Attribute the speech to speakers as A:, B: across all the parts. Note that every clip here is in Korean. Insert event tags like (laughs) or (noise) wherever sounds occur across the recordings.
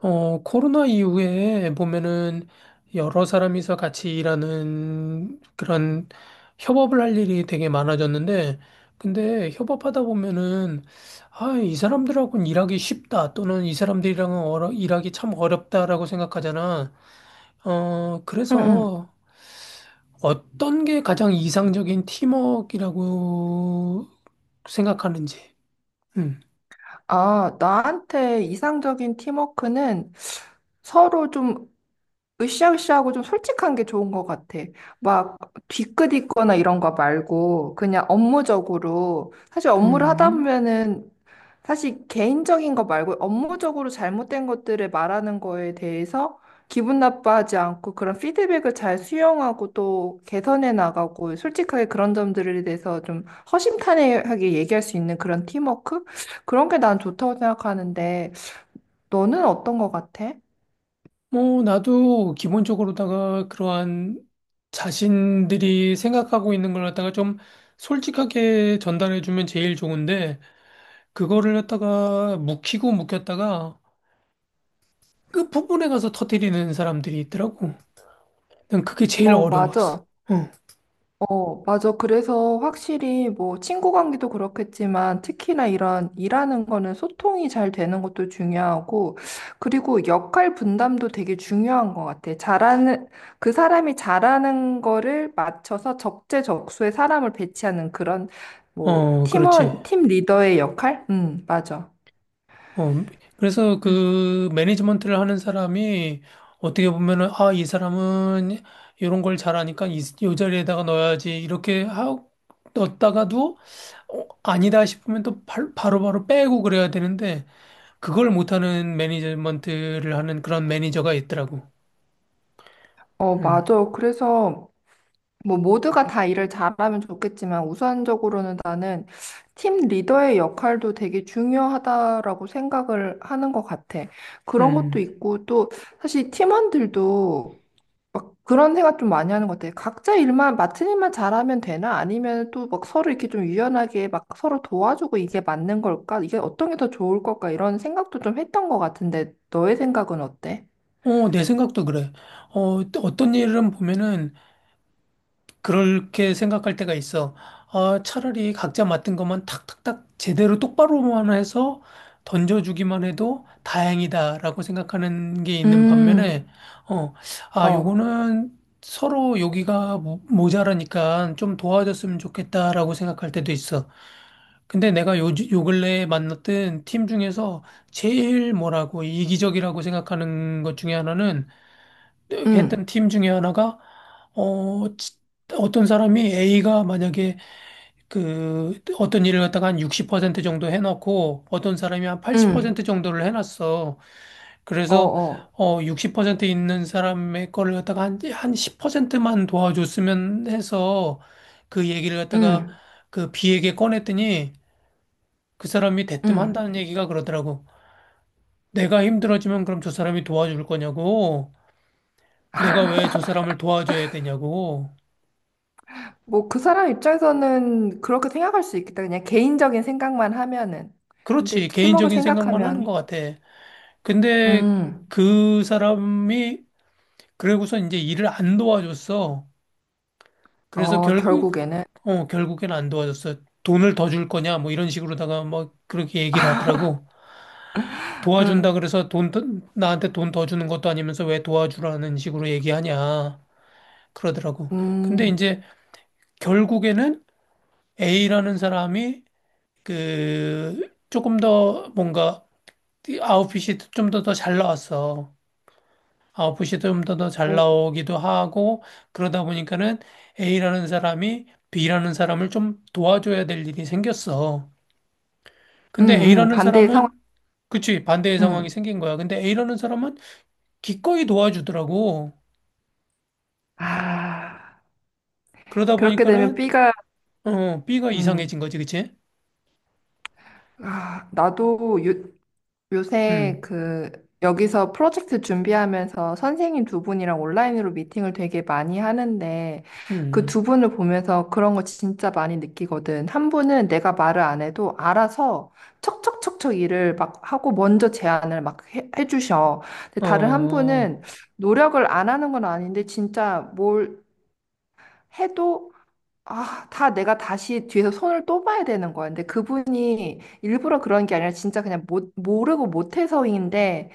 A: 코로나 이후에 보면은 여러 사람이서 같이 일하는 그런 협업을 할 일이 되게 많아졌는데, 근데 협업하다 보면은, 아, 이 사람들하고는 일하기 쉽다, 또는 이 사람들이랑은 일하기 참 어렵다라고 생각하잖아. 어,
B: 응, 응.
A: 그래서 어떤 게 가장 이상적인 팀워크라고 생각하는지. 음,
B: 아, 나한테 이상적인 팀워크는 서로 좀 으쌰으쌰하고 좀 솔직한 게 좋은 것 같아. 막 뒤끝있거나 이런 거 말고 그냥 업무적으로 사실 업무를 하다
A: 음.
B: 보면은 사실 개인적인 거 말고 업무적으로 잘못된 것들을 말하는 거에 대해서 기분 나빠하지 않고 그런 피드백을 잘 수용하고 또 개선해 나가고 솔직하게 그런 점들에 대해서 좀 허심탄회하게 얘기할 수 있는 그런 팀워크? 그런 게 난 좋다고 생각하는데 너는 어떤 것 같아?
A: 뭐, 나도 기본적으로다가 그러한 자신들이 생각하고 있는 걸 갖다가 좀 솔직하게 전달해주면 제일 좋은데, 그거를 갖다가 묵히고 묵혔다가 끝부분에 가서 터뜨리는 사람들이 있더라고. 난 그게 제일
B: 어,
A: 어려웠어.
B: 맞아.
A: 응.
B: 어, 맞아. 그래서 확실히 뭐 친구 관계도 그렇겠지만 특히나 이런 일하는 거는 소통이 잘 되는 것도 중요하고 그리고 역할 분담도 되게 중요한 것 같아. 그 사람이 잘하는 거를 맞춰서 적재적소에 사람을 배치하는 그런 뭐
A: 어, 그렇지.
B: 팀원, 팀 리더의 역할? 맞아.
A: 어, 그래서
B: 그래서
A: 그 매니지먼트를 하는 사람이 어떻게 보면은, 아, 이 사람은 이런 걸 잘하니까 이 자리에다가 넣어야지. 넣었다가도, 어, 아니다 싶으면 또 바로바로 빼고 그래야 되는데, 그걸 못하는 매니지먼트를 하는 그런 매니저가 있더라고.
B: 어,
A: 음,
B: 맞아. 그래서 뭐 모두가 다 일을 잘하면 좋겠지만 우선적으로는 나는 팀 리더의 역할도 되게 중요하다라고 생각을 하는 것 같아. 그런 것도
A: 음.
B: 있고 또 사실 팀원들도 막 그런 생각 좀 많이 하는 것 같아. 각자 일만 맡은 일만 잘하면 되나? 아니면 또 막 서로 이렇게 좀 유연하게 막 서로 도와주고 이게 맞는 걸까? 이게 어떤 게 더 좋을 걸까? 이런 생각도 좀 했던 것 같은데 너의 생각은 어때?
A: 어, 내 생각도 그래. 어, 또 어떤 일은 보면은, 그렇게 생각할 때가 있어. 아, 차라리 각자 맡은 것만 탁탁탁 제대로 똑바로만 해서 던져주기만 해도 다행이다라고 생각하는 게 있는
B: 음,
A: 반면에, 어, 아,
B: 어,
A: 요거는 서로 여기가 모자라니까 좀 도와줬으면 좋겠다라고 생각할 때도 있어. 근데 내가 요 근래에 만났던 팀 중에서 제일 뭐라고 이기적이라고 생각하는 것 중에 하나는 했던
B: 음,
A: 팀 중에 하나가 어 지- 어떤 사람이 A가 만약에 그 어떤 일을 갖다가 한 60% 정도 해놓고 어떤 사람이 한
B: 음,
A: 80% 정도를 해놨어.
B: 어,
A: 그래서
B: 어,
A: 어60% 있는 사람의 거를 갖다가 한한 10%만 도와줬으면 해서 그 얘기를 갖다가
B: 음
A: 그 B에게 꺼냈더니 그 사람이 대뜸
B: 응.
A: 한다는 얘기가 그러더라고. 내가 힘들어지면 그럼 저 사람이 도와줄 거냐고. 내가 왜 저 사람을 도와줘야 되냐고.
B: 뭐 그 사람 입장에서는 그렇게 생각할 수 있겠다. 그냥 개인적인 생각만 하면은. 근데
A: 그렇지.
B: 팀워크를
A: 개인적인 생각만 하는 것
B: 생각하면,
A: 같아. 근데
B: 음,
A: 그 사람이 그러고서 이제 일을 안 도와줬어. 그래서
B: 어,
A: 결국
B: 결국에는,
A: 어 결국엔 안 도와줬어. 돈을 더 줄 거냐 뭐 이런 식으로다가 뭐 그렇게 얘기를 하더라고. 도와준다
B: 응,
A: 그래서 돈 더- 나한테 돈 더 주는 것도 아니면서 왜 도와주라는 식으로 얘기하냐 그러더라고.
B: 음,
A: 근데 이제 결국에는 A라는 사람이 그 조금 더 뭔가 아웃핏이 좀 더 잘 나왔어. 아웃풋이 좀 더 잘
B: 어,
A: 나오기도 하고 그러다 보니까는 A라는 사람이 B라는 사람을 좀 도와줘야 될 일이 생겼어. 근데 A라는
B: 반대의 상황,
A: 사람은 그치 반대의 상황이
B: 음.
A: 생긴 거야. 근데 A라는 사람은 기꺼이 도와주더라고.
B: 아,
A: 그러다
B: 그렇게 되면
A: 보니까는
B: B가,
A: 어 B가
B: 음,
A: 이상해진 거지, 그치?
B: 아, 요새
A: 음,
B: 그 여기서 프로젝트 준비하면서 선생님 두 분이랑 온라인으로 미팅을 되게 많이 하는데 그 두
A: 음,
B: 분을 보면서 그런 거 진짜 많이 느끼거든. 한 분은 내가 말을 안 해도 알아서 척척척척 일을 막 하고 먼저 제안을 막 해주셔. 근데
A: 음. 어,
B: 다른 한
A: 어,
B: 분은 노력을 안 하는 건 아닌데 진짜 뭘 해도 아, 다 내가 다시 뒤에서 손을 또 봐야 되는 거야. 근데 그분이 일부러 그런 게 아니라 진짜 그냥 못, 모르고 못해서인데,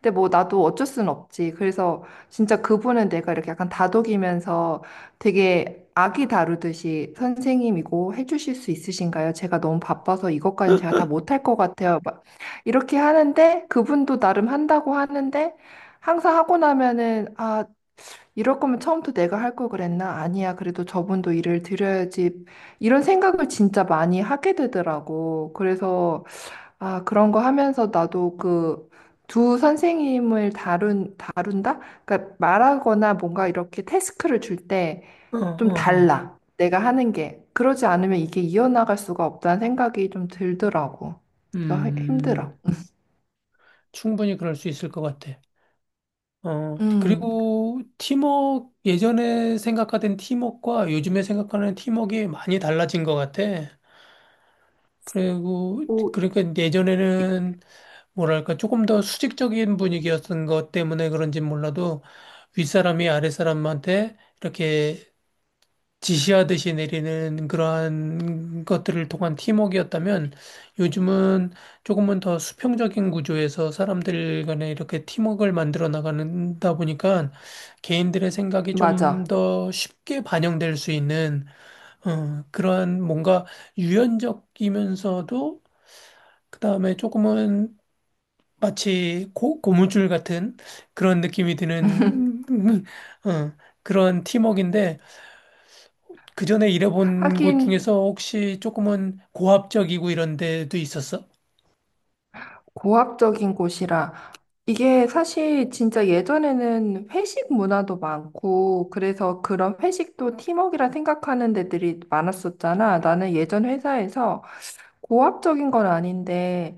B: 근데 뭐 나도 어쩔 수는 없지. 그래서 진짜 그분은 내가 이렇게 약간 다독이면서 되게 아기 다루듯이 선생님이고 해주실 수 있으신가요? 제가 너무 바빠서 이것까지는 제가 다 못할 것 같아요. 막 이렇게 하는데, 그분도 나름 한다고 하는데, 항상 하고 나면은, 아, 이럴 거면 처음부터 내가 할 걸 그랬나? 아니야. 그래도 저분도 일을 드려야지. 이런 생각을 진짜 많이 하게 되더라고. 그래서, 아, 그런 거 하면서 나도 그 두 선생님을 다룬다? 그러니까 말하거나 뭔가 이렇게 태스크를 줄 때 좀
A: 어.
B: 달라. 내가 하는 게. 그러지 않으면 이게 이어나갈 수가 없다는 생각이 좀 들더라고. 그래서
A: 음,
B: 힘들어.
A: 충분히 그럴 수 있을 것 같아. 어,
B: 음,
A: 그리고 팀워크, 예전에 생각하던 팀워크와 요즘에 생각하는 팀워크가 많이 달라진 것 같아. 그리고,
B: 오,
A: 그러니까 예전에는 뭐랄까, 조금 더 수직적인 분위기였던 것 때문에 그런지 몰라도 윗사람이 아랫사람한테 이렇게 지시하듯이 내리는 그러한 것들을 통한 팀워크였다면 요즘은 조금은 더 수평적인 구조에서 사람들 간에 이렇게 팀워크를 만들어 나가다 보니까 개인들의 생각이 좀
B: 맞아.
A: 더 쉽게 반영될 수 있는 어, 그러한 뭔가 유연적이면서도 그다음에 조금은 마치 고무줄 같은 그런 느낌이 드는 (laughs) 어, 그런 팀워크인데 그 전에 일해본
B: 하긴.
A: 곳 중에서 혹시 조금은 고압적이고 이런 데도 있었어?
B: 고압적인 곳이라 이게 사실 진짜 예전에는 회식 문화도 많고 그래서 그런 회식도 팀워크라 생각하는 데들이 많았었잖아. 나는
A: 그,
B: 예전 회사에서 고압적인 건 아닌데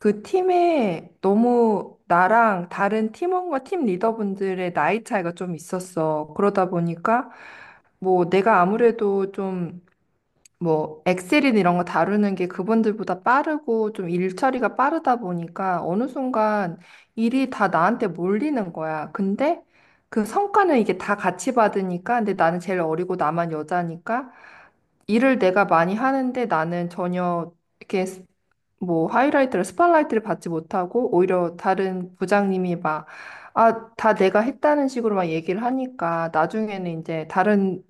B: 그 팀에 너무 나랑 다른 팀원과 팀 리더분들의 나이 차이가 좀 있었어. 그러다 보니까 뭐 내가 아무래도 좀 뭐 엑셀이나 이런 거 다루는 게 그분들보다 빠르고 좀 일 처리가 빠르다 보니까 어느 순간 일이 다 나한테 몰리는 거야. 근데 그 성과는 이게 다 같이 받으니까 근데 나는 제일 어리고 나만 여자니까 일을 내가 많이 하는데 나는 전혀 이렇게 뭐 하이라이트를 스팟라이트를 받지 못하고 오히려 다른 부장님이 막 아, 다 내가 했다는 식으로 막 얘기를 하니까 나중에는 이제 다른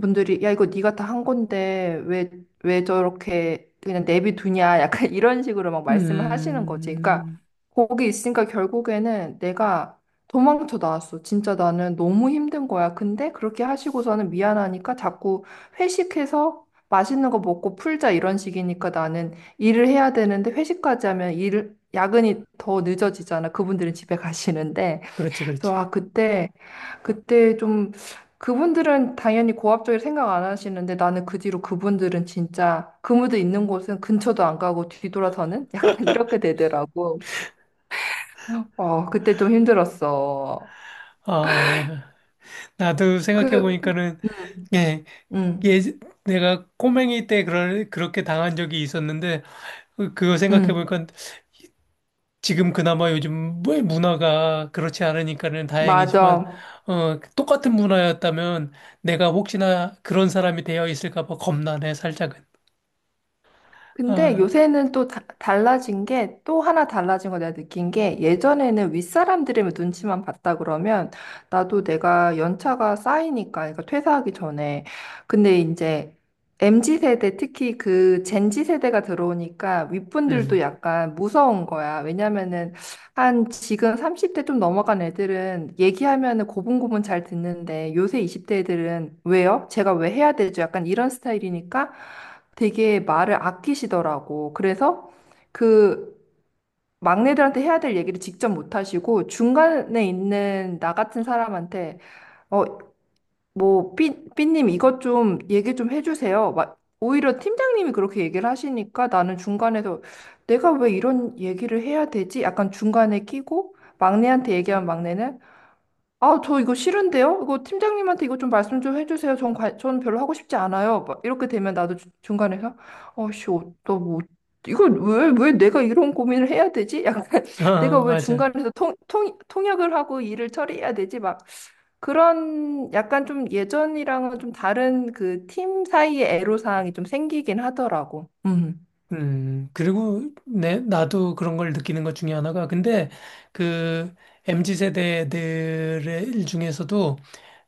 B: 분들이 야 이거 네가 다 한 건데 왜 저렇게 그냥 내비두냐 약간 (laughs) 이런 식으로 막 말씀을 하시는 거지. 그러니까
A: 음,
B: 거기 있으니까 결국에는 내가 도망쳐 나왔어. 진짜 나는 너무 힘든 거야. 근데 그렇게 하시고서는 미안하니까 자꾸 회식해서 맛있는 거 먹고 풀자 이런 식이니까 나는 일을 해야 되는데 회식까지 하면 일 야근이 더 늦어지잖아. 그분들은 집에 가시는데.
A: 그렇지,
B: 그래서
A: 그렇지.
B: 아 그때 좀 그분들은 당연히 고압적일 생각 안 하시는데 나는 그 뒤로 그분들은 진짜 그무도 있는 곳은 근처도 안 가고 뒤돌아서는 (laughs) 약간 이렇게 되더라고. 어 그때 좀 힘들었어.
A: 아, 나도
B: 그
A: 생각해보니까는,
B: 음,
A: 예,
B: 음,
A: 예, 내가 꼬맹이 때 그렇게 당한 적이 있었는데, 그거
B: 음.
A: 생각해보니까 지금 그나마 요즘 뭐 문화가 그렇지 않으니까는 다행이지만,
B: 맞아.
A: 어, 똑같은 문화였다면 내가 혹시나 그런 사람이 되어 있을까 봐 겁나네, 살짝은.
B: 근데
A: 아,
B: 요새는 또 달라진 게 또 하나 달라진 거 내가 느낀 게 예전에는 윗사람들의 눈치만 봤다 그러면 나도 내가 연차가 쌓이니까 그러니까 퇴사하기 전에 근데 이제 MZ 세대 특히 그 젠지 세대가 들어오니까 윗분들도
A: 음.
B: 약간 무서운 거야. 왜냐면은 한 지금 30대 좀 넘어간 애들은 얘기하면은 고분고분 잘 듣는데 요새 20대 애들은 왜요? 제가 왜 해야 되죠? 약간 이런 스타일이니까 되게 말을 아끼시더라고. 그래서 그 막내들한테 해야 될 얘기를 직접 못 하시고 중간에 있는 나 같은 사람한테 어, 뭐, 삐, 삐님 이것 좀 얘기 좀 해주세요. 막, 오히려 팀장님이 그렇게 얘기를 하시니까 나는 중간에서 내가 왜 이런 얘기를 해야 되지? 약간 중간에 끼고 막내한테 얘기하면 막내는 아, 저 이거 싫은데요? 이거 팀장님한테 이거 좀 말씀 좀 해주세요. 전 별로 하고 싶지 않아요. 막 이렇게 되면 나도 중간에서 어씨, 너 뭐, 이걸 왜, 왜 내가 이런 고민을 해야 되지? 약간 (laughs) 내가
A: 아,
B: 왜
A: 맞아.
B: 중간에서 통역을 하고 일을 처리해야 되지? 막 그런 약간 좀 예전이랑은 좀 다른 그 팀 사이의 애로사항이 좀 생기긴 하더라고. 음.
A: 그리고 나도 그런 걸 느끼는 것 중에 하나가, 근데 그 MZ 세대들 중에서도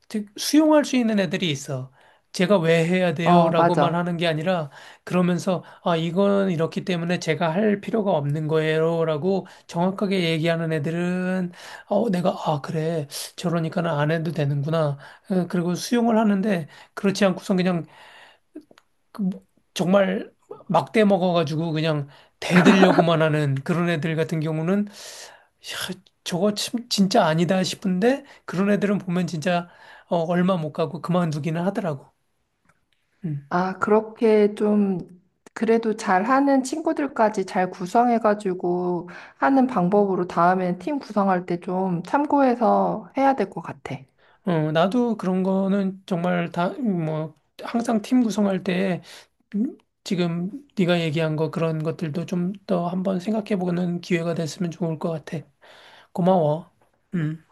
A: 즉 수용할 수 있는 애들이 있어. 제가 왜 해야 돼요?
B: 어,
A: 라고만
B: 맞아.
A: 하는 게 아니라, 그러면서, 아, 이건 이렇기 때문에 제가 할 필요가 없는 거예요. 라고 정확하게 얘기하는 애들은, 아, 그래. 저러니까는 안 해도 되는구나. 어, 그리고 수용을 하는데, 그렇지 않고선 그냥 그 뭐- 정말 막대 먹어가지고 그냥 대들려고만 하는 그런 애들 같은 경우는 야, 저거 참 진짜 아니다 싶은데 그런 애들은 보면 진짜 어, 얼마 못 가고 그만두기는 하더라고. 음.
B: 아, 그렇게 좀 그래도 잘하는 친구들까지 잘 구성해가지고 하는 방법으로 다음에 팀 구성할 때 좀 참고해서 해야 될 것 같아.
A: 어, 나도 그런 거는 정말 다 뭐 항상 팀 구성할 때 음, 지금 네가 얘기한 거 그런 것들도 좀 더 한번 생각해 보는 기회가 됐으면 좋을 것 같아. 고마워. 음.